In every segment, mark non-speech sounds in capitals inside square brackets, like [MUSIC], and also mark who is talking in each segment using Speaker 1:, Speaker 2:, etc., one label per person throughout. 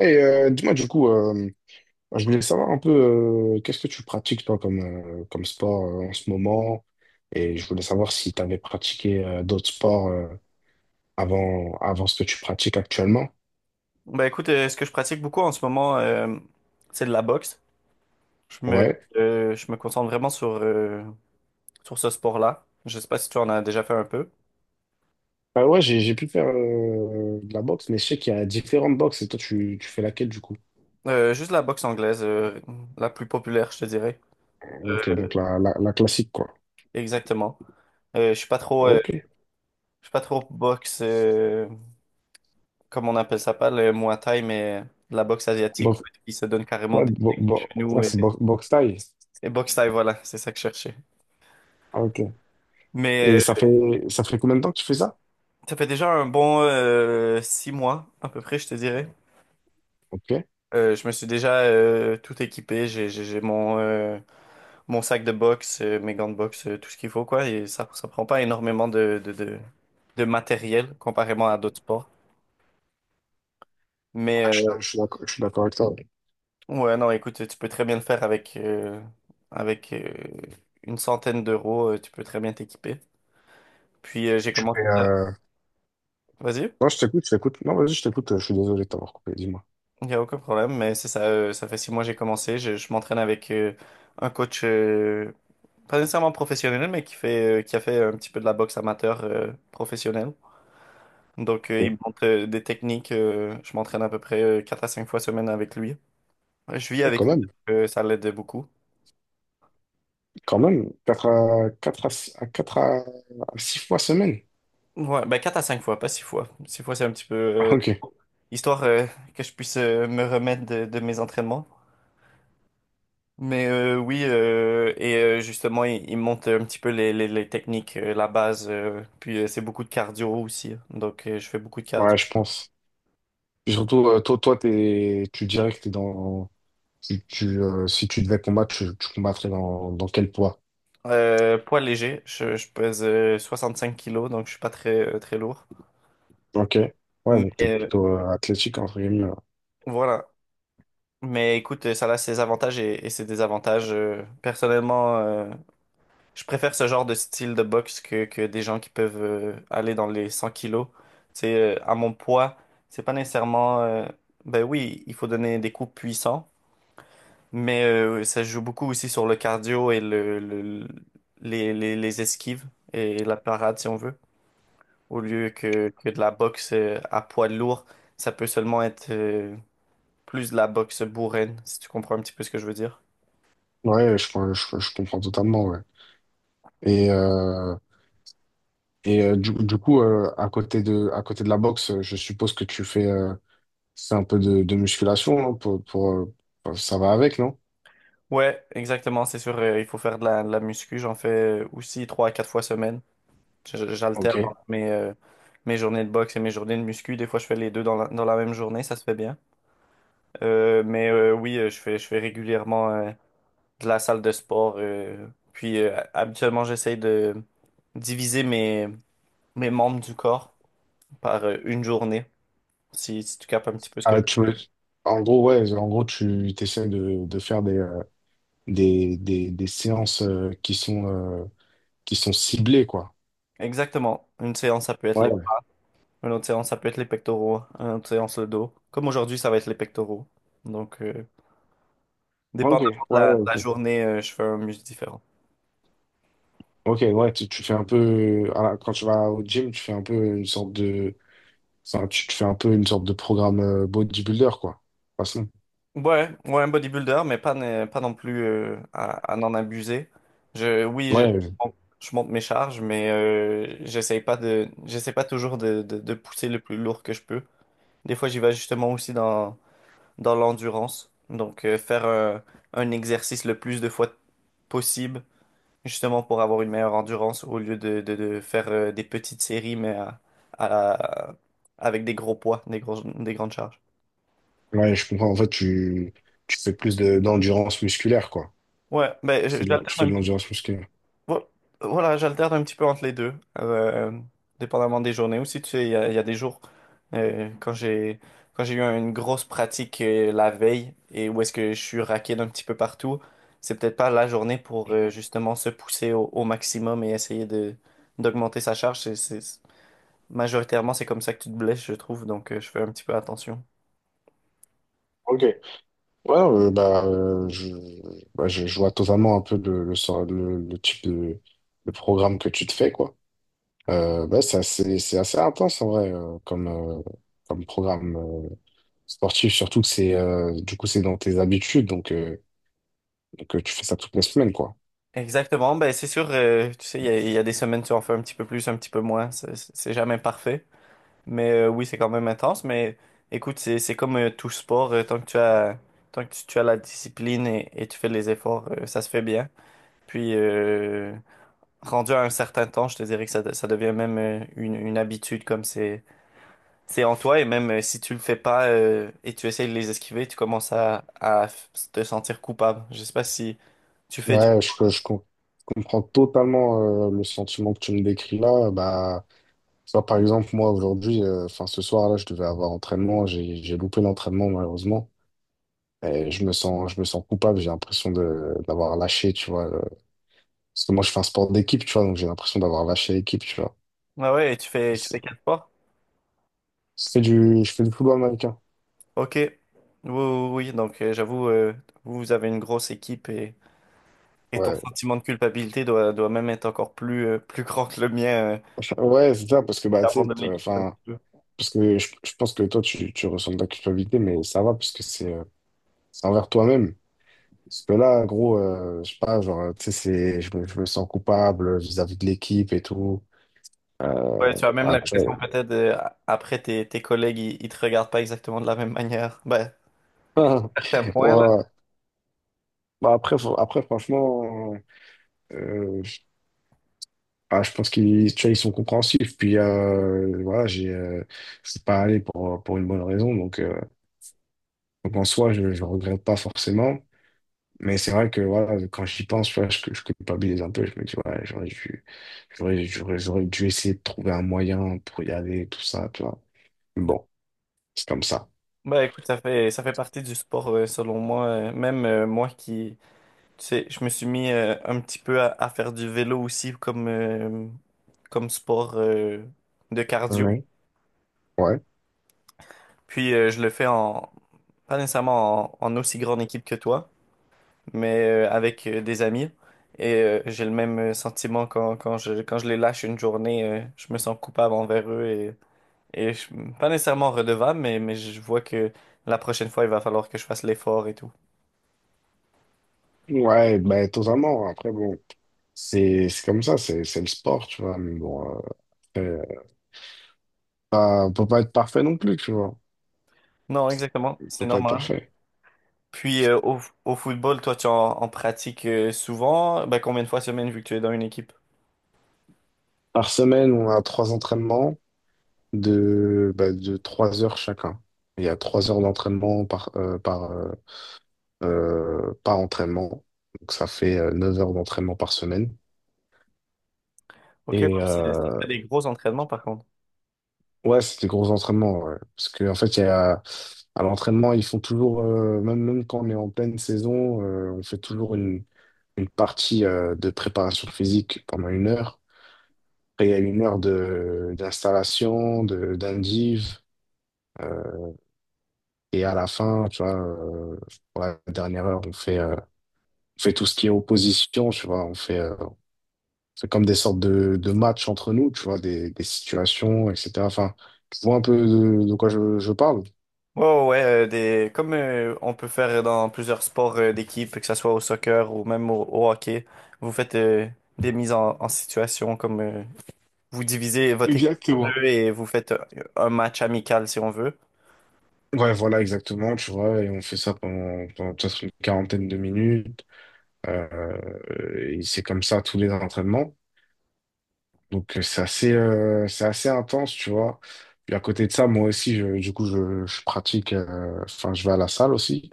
Speaker 1: Dis-moi, du coup, je voulais savoir un peu qu'est-ce que tu pratiques, toi, comme, comme sport en ce moment. Et je voulais savoir si tu avais pratiqué d'autres sports avant, avant ce que tu pratiques actuellement.
Speaker 2: Ben écoute, ce que je pratique beaucoup en ce moment, c'est de la boxe. Je me,
Speaker 1: Ouais.
Speaker 2: je me concentre vraiment sur ce sport-là. Je sais pas si tu en as déjà fait un peu.
Speaker 1: Bah ouais, j'ai pu faire de la boxe, mais je sais qu'il y a différentes boxes et toi, tu fais laquelle, du coup?
Speaker 2: Juste la boxe anglaise, la plus populaire, je te dirais.
Speaker 1: Ok, donc
Speaker 2: Euh,
Speaker 1: la classique, quoi.
Speaker 2: Exactement. Euh, je suis pas trop, euh,
Speaker 1: Ok.
Speaker 2: je suis pas trop boxe, comme on appelle ça, pas le Muay Thai, mais de la boxe asiatique, où
Speaker 1: Box-
Speaker 2: ils se donnent carrément des des genoux
Speaker 1: ouais,
Speaker 2: et,
Speaker 1: boxe thaï.
Speaker 2: et boxe Thai, voilà, c'est ça que je cherchais.
Speaker 1: Ah, ok. Et
Speaker 2: Mais
Speaker 1: ça
Speaker 2: euh,
Speaker 1: fait, ça fait combien de temps que tu fais ça?
Speaker 2: Ça fait déjà un bon 6 mois, à peu près, je te dirais.
Speaker 1: Ok.
Speaker 2: Je me suis déjà tout équipé. J'ai mon sac de boxe, mes gants de boxe, tout ce qu'il faut, quoi. Et ça prend pas énormément de matériel comparément à d'autres sports. Mais
Speaker 1: Ah, je suis
Speaker 2: euh,
Speaker 1: d'ac- je suis d'accord je suis d'accord avec toi.
Speaker 2: ouais, non, écoute, tu peux très bien le faire avec une centaine d'euros. Tu peux très bien t'équiper. Puis
Speaker 1: Et
Speaker 2: j'ai
Speaker 1: tu
Speaker 2: commencé
Speaker 1: fais,
Speaker 2: ça.
Speaker 1: euh…
Speaker 2: Vas-y,
Speaker 1: Non, je t'écoute. Non, vas-y, je t'écoute. Je suis désolé de t'avoir coupé, dis-moi.
Speaker 2: il n'y a aucun problème. Mais c'est ça, ça fait 6 mois que j'ai commencé. Je m'entraîne avec un coach. Pas nécessairement professionnel, mais qui a fait un petit peu de la boxe amateur professionnelle. Donc,
Speaker 1: Ok.
Speaker 2: il me montre des techniques. Je m'entraîne à peu près 4 à 5 fois semaine avec lui. Ouais, je vis
Speaker 1: Et
Speaker 2: avec lui, donc, ça l'aide beaucoup.
Speaker 1: quand même, quatre à 4 à, à 4 à 6 fois semaine.
Speaker 2: Ouais, ben 4 à 5 fois, pas 6 fois. 6 fois, c'est un petit peu
Speaker 1: Ah, ok.
Speaker 2: histoire que je puisse me remettre de mes entraînements. Oui, justement, il me montre un petit peu les techniques, la base. Puis, c'est beaucoup de cardio aussi. Donc, je fais beaucoup de
Speaker 1: Ouais,
Speaker 2: cardio.
Speaker 1: je pense. Puis surtout, toi, tu dirais que t'es dans… Tu, si tu devais combattre, tu combattrais dans, dans quel poids?
Speaker 2: Poids léger, je pèse 65 kilos, donc je suis pas très lourd.
Speaker 1: Ok. Ouais,
Speaker 2: Mais
Speaker 1: donc t'es
Speaker 2: euh,
Speaker 1: plutôt athlétique, entre guillemets, hein.
Speaker 2: voilà. Mais écoute, ça a ses avantages et ses désavantages. Personnellement, je préfère ce genre de style de boxe que des gens qui peuvent aller dans les 100 kilos. C'est À mon poids, c'est pas nécessairement. Ben oui, il faut donner des coups puissants, mais ça joue beaucoup aussi sur le cardio et les esquives et la parade si on veut. Au lieu que de la boxe à poids lourd. Ça peut seulement être plus de la boxe bourraine, si tu comprends un petit peu ce que je veux dire.
Speaker 1: Ouais, je comprends totalement, ouais. Et, euh, et du coup, à côté de la boxe, je suppose que tu fais… C'est un peu de musculation, non? Pour, ça va avec, non?
Speaker 2: Ouais, exactement, c'est sûr, il faut faire de la muscu. J'en fais aussi 3 à 4 fois semaine. J'alterne
Speaker 1: Ok.
Speaker 2: entre mes journées de boxe et mes journées de muscu. Des fois, je fais les deux dans la même journée, ça se fait bien. Oui, je fais régulièrement de la salle de sport. Puis habituellement, j'essaye de diviser mes membres du corps par une journée. Si tu capes un petit peu ce que
Speaker 1: Ah,
Speaker 2: je...
Speaker 1: tu veux- En gros, ouais, en gros, tu essaies de faire des, des séances qui sont ciblées, quoi.
Speaker 2: Exactement. Une séance, ça peut être les...
Speaker 1: Ouais.
Speaker 2: Une autre séance, ça peut être les pectoraux. Une autre séance, le dos. Comme aujourd'hui, ça va être les pectoraux. Donc,
Speaker 1: Ok, ouais,
Speaker 2: dépendamment de
Speaker 1: ouais,
Speaker 2: la, de la
Speaker 1: ok.
Speaker 2: journée, je fais un muscle différent.
Speaker 1: Ok, ouais, tu fais un peu… Quand tu vas au gym, tu fais un peu une sorte de… enfin, tu fais un peu une sorte de programme bodybuilder, quoi. De toute façon.
Speaker 2: Ouais, ouais, un bodybuilder, mais pas non plus à n'en abuser. Oui,
Speaker 1: Ouais,
Speaker 2: bon, je monte mes charges, mais j'essaie pas toujours de pousser le plus lourd que je peux. Des fois, j'y vais justement aussi dans l'endurance. Donc, faire un exercice le plus de fois possible, justement pour avoir une meilleure endurance, au lieu de faire des petites séries, mais à- avec des gros poids, des grandes charges.
Speaker 1: ouais, je comprends. En fait, tu fais plus de, d'endurance musculaire, quoi.
Speaker 2: Ouais, ben,
Speaker 1: Tu fais de
Speaker 2: j'alterne.
Speaker 1: l'endurance musculaire.
Speaker 2: Vo- Voilà, j'alterne un petit peu entre les deux, euh, dépendamment des journées. Aussi, tu sais, il y a des jours euh, quand j'ai quand j'ai eu une grosse pratique la veille et où est-ce que je suis raqué d'un petit peu partout, c'est peut-être pas la journée pour justement se pousser au maximum et essayer de d'augmenter sa charge. Majoritairement, c'est comme ça que tu te blesses, je trouve, donc je fais un petit peu attention.
Speaker 1: Ok. Ouais, bah, je vois totalement un peu le type de programme que tu te fais, quoi. Bah, c'est assez intense, en vrai, comme programme sportif, surtout que c'est, du coup, c'est dans tes habitudes, donc, tu fais ça toutes les semaines, quoi.
Speaker 2: Exactement, ben c'est sûr, tu sais, il y a des semaines tu en fais un petit peu plus, un petit peu moins, c'est jamais parfait. Oui, c'est quand même intense. Mais écoute, c'est comme tout sport. Tant que tant que tu as la discipline et tu fais les efforts, ça se fait bien. Puis, rendu à un certain temps, je te dirais que ça devient même une habitude comme c'est en toi. Et même si tu le fais pas et tu essayes de les esquiver, tu commences à te sentir coupable. Je sais pas si tu fais du...
Speaker 1: Ouais, je comprends totalement le sentiment que tu me décris là. Bah, tu vois, par exemple, moi, aujourd'hui, enfin, ce soir, là, je devais avoir entraînement. J'ai loupé l'entraînement, malheureusement. Et je me sens coupable. J'ai l'impression de, d'avoir lâché, tu vois. Parce que moi, je fais un sport d'équipe, tu vois. Donc, j'ai l'impression d'avoir lâché l'équipe, tu vois.
Speaker 2: Ah ouais, et tu fais, tu
Speaker 1: C'est
Speaker 2: fais quatre sports?
Speaker 1: je fais du football américain.
Speaker 2: Ok. Oui, oui, oui. Donc, j'avoue, vous vous avez une grosse équipe et... Et ton
Speaker 1: Ouais.
Speaker 2: sentiment de culpabilité doit même être encore plus grand que le mien.
Speaker 1: [LAUGHS] Ouais, c'est ça, parce que, bah, tu sais,
Speaker 2: T'abandonnes l'équipe un
Speaker 1: enfin,
Speaker 2: petit peu.
Speaker 1: parce que je pense que toi, tu ressens de la culpabilité, mais ça va, parce que c'est envers toi-même. Parce que là, gros, je sais pas, genre, tu sais, c'est, je me sens coupable vis-à-vis de l'équipe et tout.
Speaker 2: Ouais, tu as même
Speaker 1: Ah, tu
Speaker 2: l'impression
Speaker 1: vois.
Speaker 2: peut-être après tes collègues, ils te regardent pas exactement de la même manière. Ben, certains
Speaker 1: [LAUGHS]
Speaker 2: points là.
Speaker 1: Ouais. Bah après, après franchement, euh, ah, je pense qu'ils tu vois, ils sont compréhensifs. Puis voilà, j'ai, je suis pas allé pour une bonne raison. Donc en soi, je regrette pas forcément. Mais c'est vrai que voilà, quand j'y pense, tu vois, je culpabilise un peu. Je me dis, ouais, j'aurais dû essayer de trouver un moyen pour y aller, tout ça, tu vois. Bon, c'est comme ça.
Speaker 2: Ben écoute, ça fait partie du sport selon moi. Même moi qui, tu sais, je me suis mis un petit peu à faire du vélo aussi comme comme sport de cardio.
Speaker 1: Ouais. Ouais.
Speaker 2: Puis je le fais en pas nécessairement en aussi grande équipe que toi. Mais avec des amis. Et j'ai le même sentiment quand je les lâche une journée, je me sens coupable envers eux et pas nécessairement redevable, mais je vois que la prochaine fois, il va falloir que je fasse l'effort et tout.
Speaker 1: Ouais, bah, totalement. Après, bon, c'est comme ça, c'est le sport, tu vois. Mais bon, après, on peut pas être parfait non plus, tu vois.
Speaker 2: Non, exactement,
Speaker 1: On
Speaker 2: c'est
Speaker 1: peut pas être
Speaker 2: normal.
Speaker 1: parfait.
Speaker 2: Puis au football, toi, en pratiques souvent. Ben, combien de fois semaine vu que tu es dans une équipe?
Speaker 1: Par semaine, on a trois entraînements de, bah, de trois heures chacun. Il y a trois heures d'entraînement par entraînement. Donc ça fait 9 heures d'entraînement par semaine.
Speaker 2: Ok, ouais,
Speaker 1: Et
Speaker 2: ça fait des gros entraînements par contre.
Speaker 1: ouais, c'est des gros entraînements, ouais. Parce qu'en fait, il y a, à l'entraînement, ils font toujours, même quand on est en pleine saison, on fait toujours une partie de préparation physique pendant une heure. Après, il y a une heure de, d'installation, de, d'indiv. Euh, et à la fin, tu vois, pour la dernière heure, on fait tout ce qui est opposition, tu vois, on fait… c'est comme des sortes de matchs entre nous, tu vois, des situations, etc. Enfin, tu vois un peu de quoi je parle.
Speaker 2: Ouais, ouais, ouais, comme on peut faire dans plusieurs sports d'équipe, que ce soit au soccer ou même au hockey, vous faites des mises en situation, comme vous divisez votre équipe en
Speaker 1: Exactement.
Speaker 2: deux et vous faites un match amical si on veut.
Speaker 1: Ouais, voilà, exactement, tu vois, et on fait ça pendant, pendant peut-être une quarantaine de minutes. Et c'est comme ça tous les entraînements. Donc, c'est assez intense, tu vois. Puis à côté de ça, moi aussi, je pratique, enfin, je vais à la salle aussi.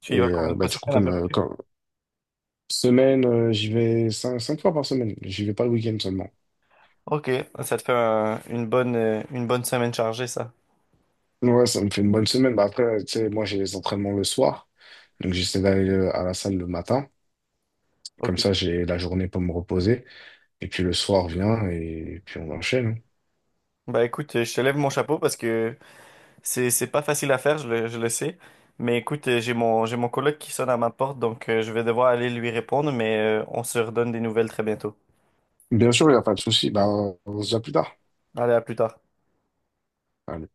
Speaker 2: Tu y vas
Speaker 1: Et
Speaker 2: combien de
Speaker 1: bah,
Speaker 2: fois
Speaker 1: du
Speaker 2: sur
Speaker 1: coup,
Speaker 2: semaine à peu près?
Speaker 1: semaine, j'y vais cinq fois par semaine. J'y vais pas le week-end seulement.
Speaker 2: Ok, ça te fait une bonne semaine chargée, ça.
Speaker 1: Ouais, ça me fait une bonne semaine. Bah après, tu sais, moi, j'ai les entraînements le soir. Donc, j'essaie d'aller à la salle le matin. Comme
Speaker 2: Ok.
Speaker 1: ça, j'ai la journée pour me reposer. Et puis, le soir vient et puis on enchaîne.
Speaker 2: Bah écoute, je te lève mon chapeau parce que c'est pas facile à faire, je le sais. Mais écoute, j'ai mon coloc qui sonne à ma porte, donc je vais devoir aller lui répondre, mais on se redonne des nouvelles très bientôt.
Speaker 1: Bien sûr, il n'y a pas de souci. Bah, on se dit à plus tard.
Speaker 2: Allez, à plus tard.
Speaker 1: Allez.